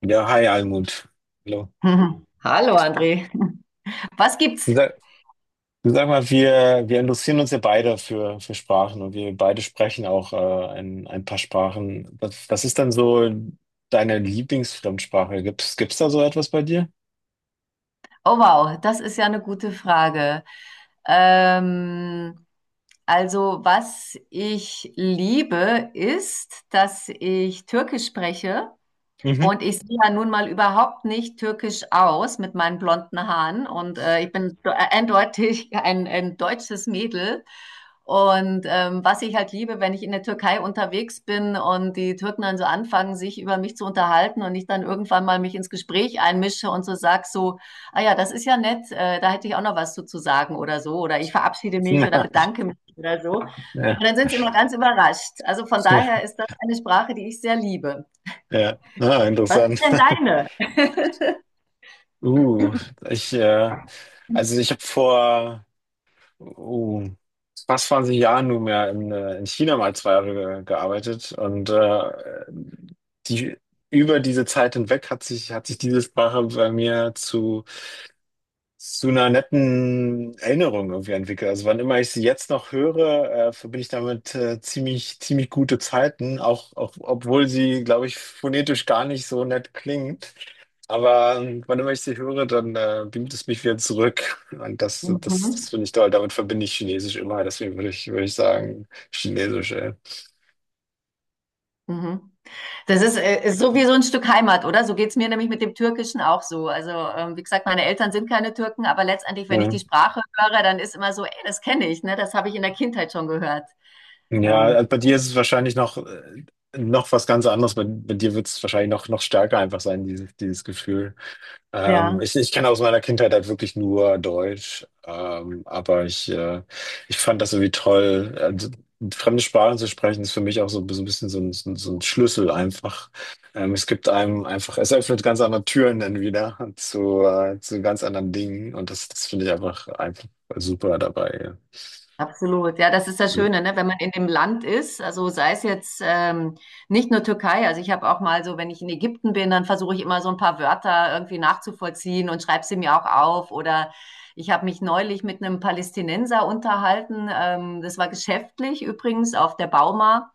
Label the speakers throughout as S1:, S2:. S1: Ja, hi Almut. Hallo.
S2: Mhm. Hallo André, was
S1: Du
S2: gibt's?
S1: sag, du sag mal, wir interessieren uns ja beide für Sprachen und wir beide sprechen auch ein paar Sprachen. Was ist denn so deine Lieblingsfremdsprache? Gibt's da so etwas bei dir?
S2: Oh wow, das ist ja eine gute Frage. Ähm, also was ich liebe, ist, dass ich Türkisch spreche.
S1: Mhm.
S2: Und ich sehe ja nun mal überhaupt nicht türkisch aus mit meinen blonden Haaren. Und ich bin eindeutig ein deutsches Mädel. Und was ich halt liebe, wenn ich in der Türkei unterwegs bin und die Türken dann so anfangen, sich über mich zu unterhalten und ich dann irgendwann mal mich ins Gespräch einmische und so sag so, ah ja, das ist ja nett, da hätte ich auch noch was zu sagen oder so. Oder ich verabschiede mich oder
S1: Na,
S2: bedanke mich oder so.
S1: ja,
S2: Und dann sind sie immer ganz überrascht. Also von
S1: ja,
S2: daher ist das eine Sprache, die ich sehr liebe.
S1: ja. Ah,
S2: Was ist
S1: interessant.
S2: denn deine?
S1: Uh, ich, äh, also ich habe vor. oh, fast 20 Jahre nunmehr in China mal 2 Jahre ge gearbeitet und die, über diese Zeit hinweg hat sich diese Sprache bei mir zu einer netten Erinnerung irgendwie entwickelt. Also wann immer ich sie jetzt noch höre, verbinde ich damit ziemlich gute Zeiten, auch, auch obwohl sie, glaube ich, phonetisch gar nicht so nett klingt. Aber wann immer ich sie höre, dann beamt es mich wieder zurück. Und das
S2: Mhm.
S1: finde ich toll. Damit verbinde ich Chinesisch immer. Deswegen würde ich sagen, Chinesisch, ey.
S2: Mhm. Das ist, ist so wie so ein Stück Heimat, oder? So geht's mir nämlich mit dem Türkischen auch so. Also, wie gesagt, meine Eltern sind keine Türken, aber letztendlich, wenn ich
S1: Ja,
S2: die Sprache höre, dann ist immer so, ey, das kenne ich, ne? Das habe ich in der Kindheit schon gehört.
S1: ja
S2: Ähm,
S1: also bei dir ist es wahrscheinlich noch was ganz anderes. Bei dir wird es wahrscheinlich noch, noch stärker einfach sein, dieses Gefühl.
S2: ja.
S1: Ich kenne aus meiner Kindheit halt wirklich nur Deutsch, aber ich fand das irgendwie toll. Also, fremde Sprachen zu sprechen ist für mich auch so, so ein bisschen so ein Schlüssel einfach. Es gibt einem einfach, es öffnet ganz andere Türen dann wieder zu ganz anderen Dingen und das finde ich einfach super dabei.
S2: Absolut, ja, das ist das
S1: Ja.
S2: Schöne, ne? Wenn man in dem Land ist, also sei es jetzt nicht nur Türkei, also ich habe auch mal so, wenn ich in Ägypten bin, dann versuche ich immer so ein paar Wörter irgendwie nachzuvollziehen und schreibe sie mir auch auf. Oder ich habe mich neulich mit einem Palästinenser unterhalten, das war geschäftlich übrigens auf der Bauma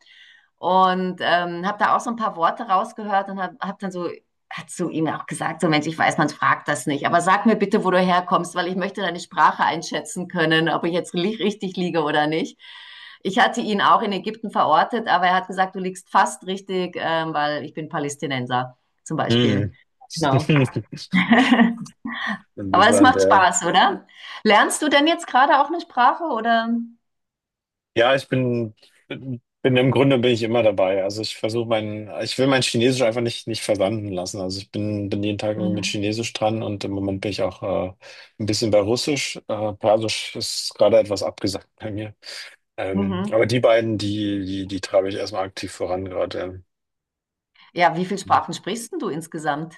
S2: und habe da auch so ein paar Worte rausgehört und habe hab hab dann so hat zu ihm auch gesagt, so Mensch, ich weiß, man fragt das nicht, aber sag mir bitte, wo du herkommst, weil ich möchte deine Sprache einschätzen können, ob ich jetzt richtig liege oder nicht. Ich hatte ihn auch in Ägypten verortet, aber er hat gesagt, du liegst fast richtig, weil ich bin Palästinenser zum Beispiel.
S1: Mhm.
S2: Genau. Aber es
S1: Interessant,
S2: macht
S1: ja.
S2: Spaß, oder? Lernst du denn jetzt gerade auch eine Sprache oder?
S1: Ja, ich bin, bin im Grunde bin ich immer dabei. Also ich will mein Chinesisch einfach nicht versanden lassen. Also ich bin jeden Tag mit
S2: Mhm.
S1: Chinesisch dran und im Moment bin ich auch äh, ein bisschen bei Russisch. Persisch ist gerade etwas abgesagt bei mir.
S2: Mhm.
S1: Aber die beiden, die treibe ich erstmal aktiv voran gerade.
S2: Ja, wie viele
S1: Ähm,
S2: Sprachen sprichst denn du insgesamt?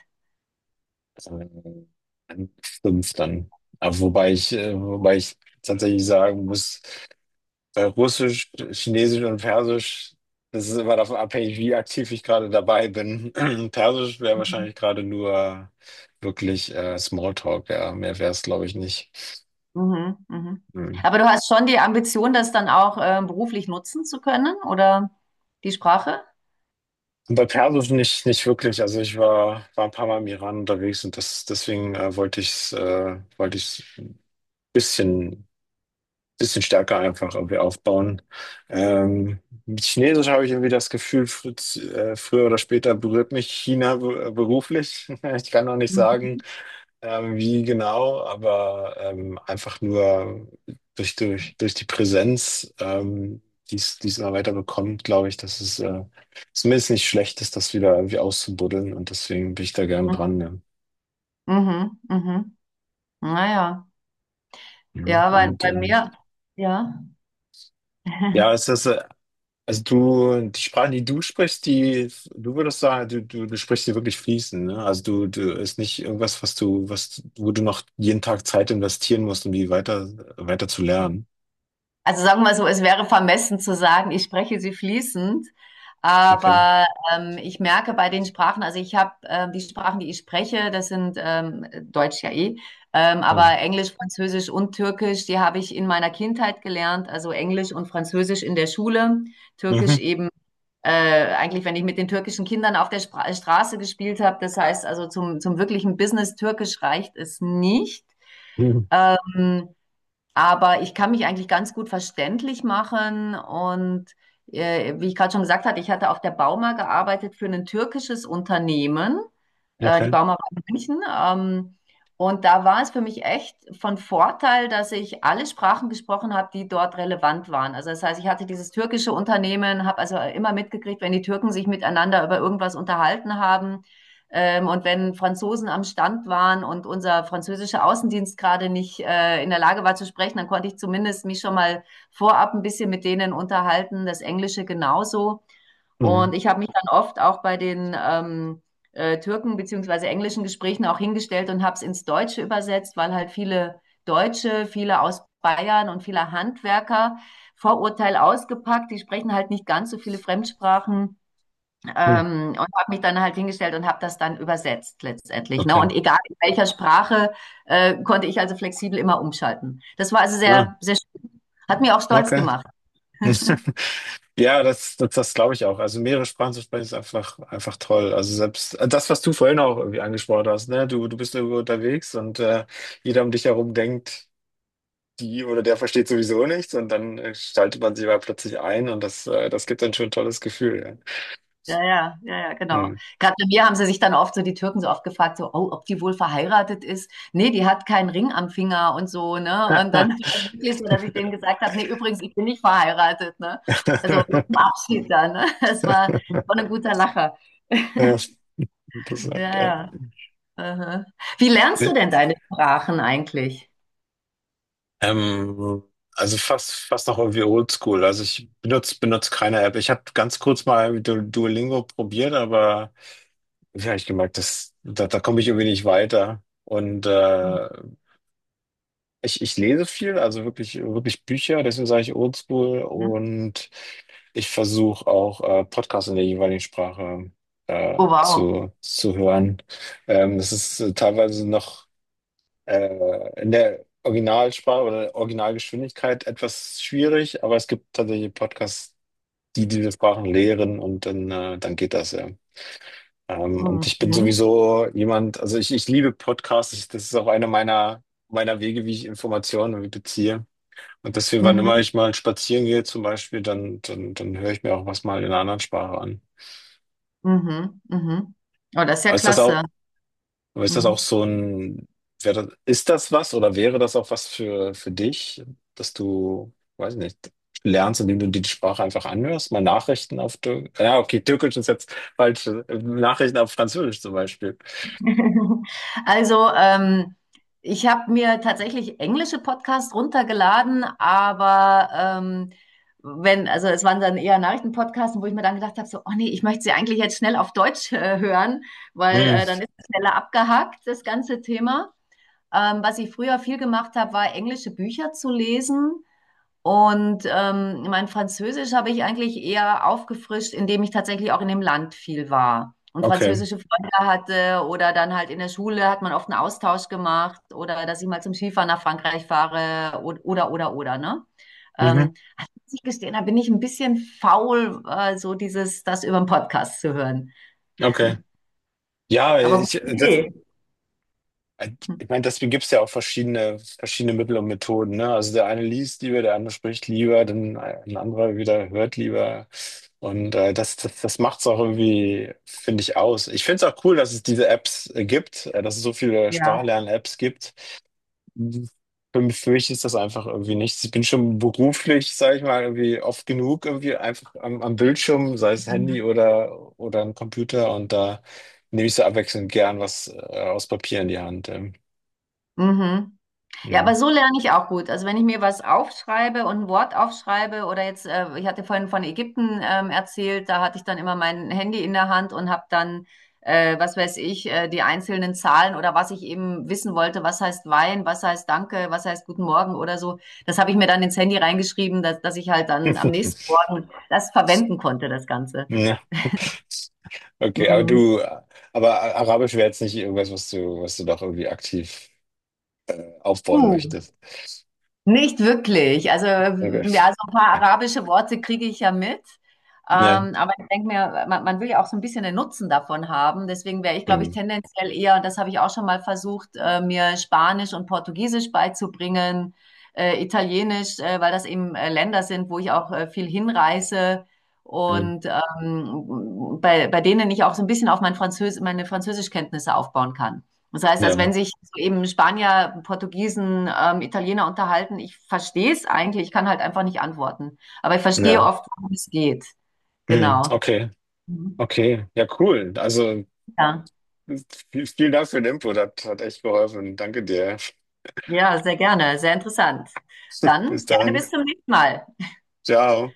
S1: ähm, fünf dann. Aber wobei ich tatsächlich sagen muss, Russisch, Chinesisch und Persisch, das ist immer davon abhängig, wie aktiv ich gerade dabei bin. Persisch wäre wahrscheinlich gerade nur wirklich Smalltalk, ja. Mehr wäre es, glaube ich, nicht.
S2: Mhm, mhm.
S1: Hm.
S2: Aber du hast schon die Ambition, das dann auch beruflich nutzen zu können, oder die Sprache?
S1: Und bei Persisch nicht wirklich. Also ich war ein paar Mal im Iran unterwegs und das, deswegen wollte ich ein bisschen bisschen stärker einfach irgendwie aufbauen. Ähm, mit Chinesisch habe ich irgendwie das Gefühl, fr früher oder später berührt mich China beruflich. Ich kann noch nicht
S2: Mhm,
S1: sagen, wie genau, aber einfach nur durch die Präsenz, die es immer weiter bekommt, glaube ich, dass es zumindest nicht schlecht ist, das wieder irgendwie auszubuddeln und deswegen bin ich da gerne dran. Ja.
S2: mhm. Mhm. Naja, ja,
S1: Ja,
S2: ja, bei,
S1: und
S2: bei
S1: ähm,
S2: mir, ja.
S1: ja, es ist Also du, die Sprachen, die du sprichst, die, du würdest sagen, du sprichst sie wirklich fließend, ne? Also du ist nicht irgendwas, was, wo du noch jeden Tag Zeit investieren musst, um die weiter zu lernen.
S2: Also sagen wir mal so, es wäre vermessen zu sagen, ich spreche sie fließend,
S1: Okay.
S2: aber ich merke bei den Sprachen, also ich habe die Sprachen, die ich spreche, das sind Deutsch ja eh,
S1: Hm.
S2: aber Englisch, Französisch und Türkisch, die habe ich in meiner Kindheit gelernt, also Englisch und Französisch in der Schule, Türkisch
S1: Mhm.
S2: eben. Äh, eigentlich, wenn ich mit den türkischen Kindern auf der Spra Straße gespielt habe, das heißt also zum wirklichen Business Türkisch reicht es nicht.
S1: Mhm.
S2: Ähm, aber ich kann mich eigentlich ganz gut verständlich machen und wie ich gerade schon gesagt hatte, ich hatte auf der Bauma gearbeitet für ein türkisches Unternehmen. Die
S1: Okay.
S2: Bauma war in München. Und da war es für mich echt von Vorteil, dass ich alle Sprachen gesprochen habe, die dort relevant waren. Also das heißt, ich hatte dieses türkische Unternehmen, habe also immer mitgekriegt, wenn die Türken sich miteinander über irgendwas unterhalten haben, und wenn Franzosen am Stand waren und unser französischer Außendienst gerade nicht in der Lage war zu sprechen, dann konnte ich zumindest mich schon mal vorab ein bisschen mit denen unterhalten, das Englische genauso. Und
S1: Mhm.
S2: ich habe mich dann oft auch bei den Türken beziehungsweise englischen Gesprächen auch hingestellt und habe es ins Deutsche übersetzt, weil halt viele Deutsche, viele aus Bayern und viele Handwerker Vorurteil ausgepackt, die sprechen halt nicht ganz so viele Fremdsprachen,
S1: Mhm.
S2: und habe mich dann halt hingestellt und habe das dann übersetzt letztendlich. Ne? Und
S1: Okay.
S2: egal in welcher Sprache, konnte ich also flexibel immer umschalten. Das war also
S1: Ja,
S2: sehr, sehr schön. Hat mir auch stolz
S1: okay.
S2: gemacht.
S1: Ja, das glaube ich auch. Also mehrere Sprachen zu sprechen ist einfach toll. Also selbst das, was du vorhin auch irgendwie angesprochen hast, ne? Du bist irgendwo unterwegs und jeder um dich herum denkt. Die oder der versteht sowieso nichts und dann schaltet man sich aber plötzlich ein und das gibt dann schon ein tolles Gefühl.
S2: Ja, ja, ja, ja,
S1: Ja.
S2: genau.
S1: Hm.
S2: Gerade bei mir haben sie sich dann oft so, die Türken so oft gefragt, so, oh, ob die wohl verheiratet ist. Nee, die hat keinen Ring am Finger und so, ne? Und dann war es wirklich so, dass ich denen gesagt habe, nee, übrigens, ich bin nicht verheiratet, ne? Also zum Abschied dann, ne? Das war, war ein guter Lacher.
S1: Ja,
S2: Ja,
S1: interessant. Ja.
S2: ja. Aha. Wie lernst du
S1: Nee,
S2: denn deine Sprachen eigentlich?
S1: Ähm, also fast noch irgendwie oldschool. Also ich benutze keine App. Ich habe ganz kurz mal Duolingo probiert, aber ja, ich gemerkt, dass, da komme ich irgendwie nicht weiter. Und ich lese viel, also wirklich Bücher, deswegen sage ich Oldschool
S2: Mhm.
S1: und ich versuche auch Podcasts in der jeweiligen Sprache
S2: Oh, wow.
S1: zu hören. Das ist teilweise noch in der Originalsprache oder Originalgeschwindigkeit etwas schwierig, aber es gibt tatsächlich Podcasts, die diese Sprachen lehren und dann, dann geht das ja. Und ich bin
S2: Mhm.
S1: sowieso jemand, also ich liebe Podcasts, ich, das ist auch meiner Wege, wie ich Informationen irgendwie beziehe. Und deswegen, wann immer
S2: Mhm.
S1: ich mal spazieren gehe, zum Beispiel, dann höre ich mir auch was mal in einer anderen Sprache an.
S2: Mhm. Mhm. Oh, das ist ja
S1: Aber ist das
S2: klasse.
S1: auch, ist das auch
S2: Mhm.
S1: so ein, ist das was oder wäre das auch was für dich, dass du, weiß nicht, lernst, indem du dir die Sprache einfach anhörst? Mal Nachrichten auf Türkisch. Ja, okay, Türkisch ist jetzt falsch. Nachrichten auf Französisch zum Beispiel.
S2: Also, ich habe mir tatsächlich englische Podcasts runtergeladen, aber wenn, also es waren dann eher Nachrichtenpodcasts, wo ich mir dann gedacht habe, so, oh nee, ich möchte sie eigentlich jetzt schnell auf Deutsch hören, weil
S1: Hm,
S2: dann ist es schneller abgehakt, das ganze Thema. Was ich früher viel gemacht habe, war englische Bücher zu lesen. Und mein Französisch habe ich eigentlich eher aufgefrischt, indem ich tatsächlich auch in dem Land viel war und
S1: okay.
S2: französische Freunde hatte oder dann halt in der Schule hat man oft einen Austausch gemacht oder dass ich mal zum Skifahren nach Frankreich fahre oder ne?
S1: Mhm,
S2: Ähm, muss ich gestehen, da bin ich ein bisschen faul, so dieses, das über den Podcast zu hören.
S1: okay. Ja,
S2: Aber
S1: ich,
S2: gute
S1: das,
S2: Idee.
S1: Äh,
S2: Hm.
S1: Ich meine, deswegen gibt es ja auch verschiedene Mittel und Methoden, ne? Also der eine liest lieber, der andere spricht lieber, dann ein anderer wieder hört lieber. Und das macht es auch irgendwie, finde ich, aus. Ich finde es auch cool, dass es diese Apps gibt, dass es so viele
S2: Ja.
S1: Sprachlern-Apps gibt. Für mich ist das einfach irgendwie nichts. Ich bin schon beruflich, sage ich mal, irgendwie oft genug irgendwie einfach am Bildschirm, sei es Handy
S2: Mhm.
S1: oder ein Computer. Und da nehme ich so abwechselnd gern was aus Papier in die Hand. Ja.
S2: Mhm. Ja, aber
S1: Mhm.
S2: so lerne ich auch gut. Also wenn ich mir was aufschreibe und ein Wort aufschreibe oder jetzt, ich hatte vorhin von Ägypten erzählt, da hatte ich dann immer mein Handy in der Hand und habe dann, was weiß ich, die einzelnen Zahlen oder was ich eben wissen wollte, was heißt Wein, was heißt Danke, was heißt Guten Morgen oder so. Das habe ich mir dann ins Handy reingeschrieben, dass ich halt dann am nächsten Morgen das verwenden konnte, das Ganze.
S1: Ja, okay, aber
S2: Mhm.
S1: Arabisch wäre jetzt nicht irgendwas, was du doch irgendwie aktiv aufbauen
S2: Uh.
S1: möchtest.
S2: Nicht wirklich. Also, ja, so
S1: Okay.
S2: ein paar arabische Worte kriege ich ja mit.
S1: Ja.
S2: Aber ich denke mir, man will ja auch so ein bisschen den Nutzen davon haben. Deswegen wäre ich, glaube ich,
S1: Mhm.
S2: tendenziell eher, und das habe ich auch schon mal versucht, mir Spanisch und Portugiesisch beizubringen, Italienisch, weil das eben Länder sind, wo ich auch viel hinreise
S1: Mhm.
S2: und bei denen ich auch so ein bisschen auf mein Französ meine Französischkenntnisse aufbauen kann. Das heißt, als
S1: Ja.
S2: wenn sich so eben Spanier, Portugiesen, Italiener unterhalten, ich verstehe es eigentlich, ich kann halt einfach nicht antworten. Aber ich verstehe
S1: Ja.
S2: oft, worum es geht.
S1: Mhm.
S2: Genau.
S1: Okay.
S2: Mhm.
S1: Okay. Ja, cool. Also
S2: Ja.
S1: vielen Dank für den Input. Hat echt geholfen. Danke dir.
S2: Ja, sehr gerne, sehr interessant.
S1: Bis
S2: Dann gerne
S1: dann.
S2: bis zum nächsten Mal.
S1: Ciao.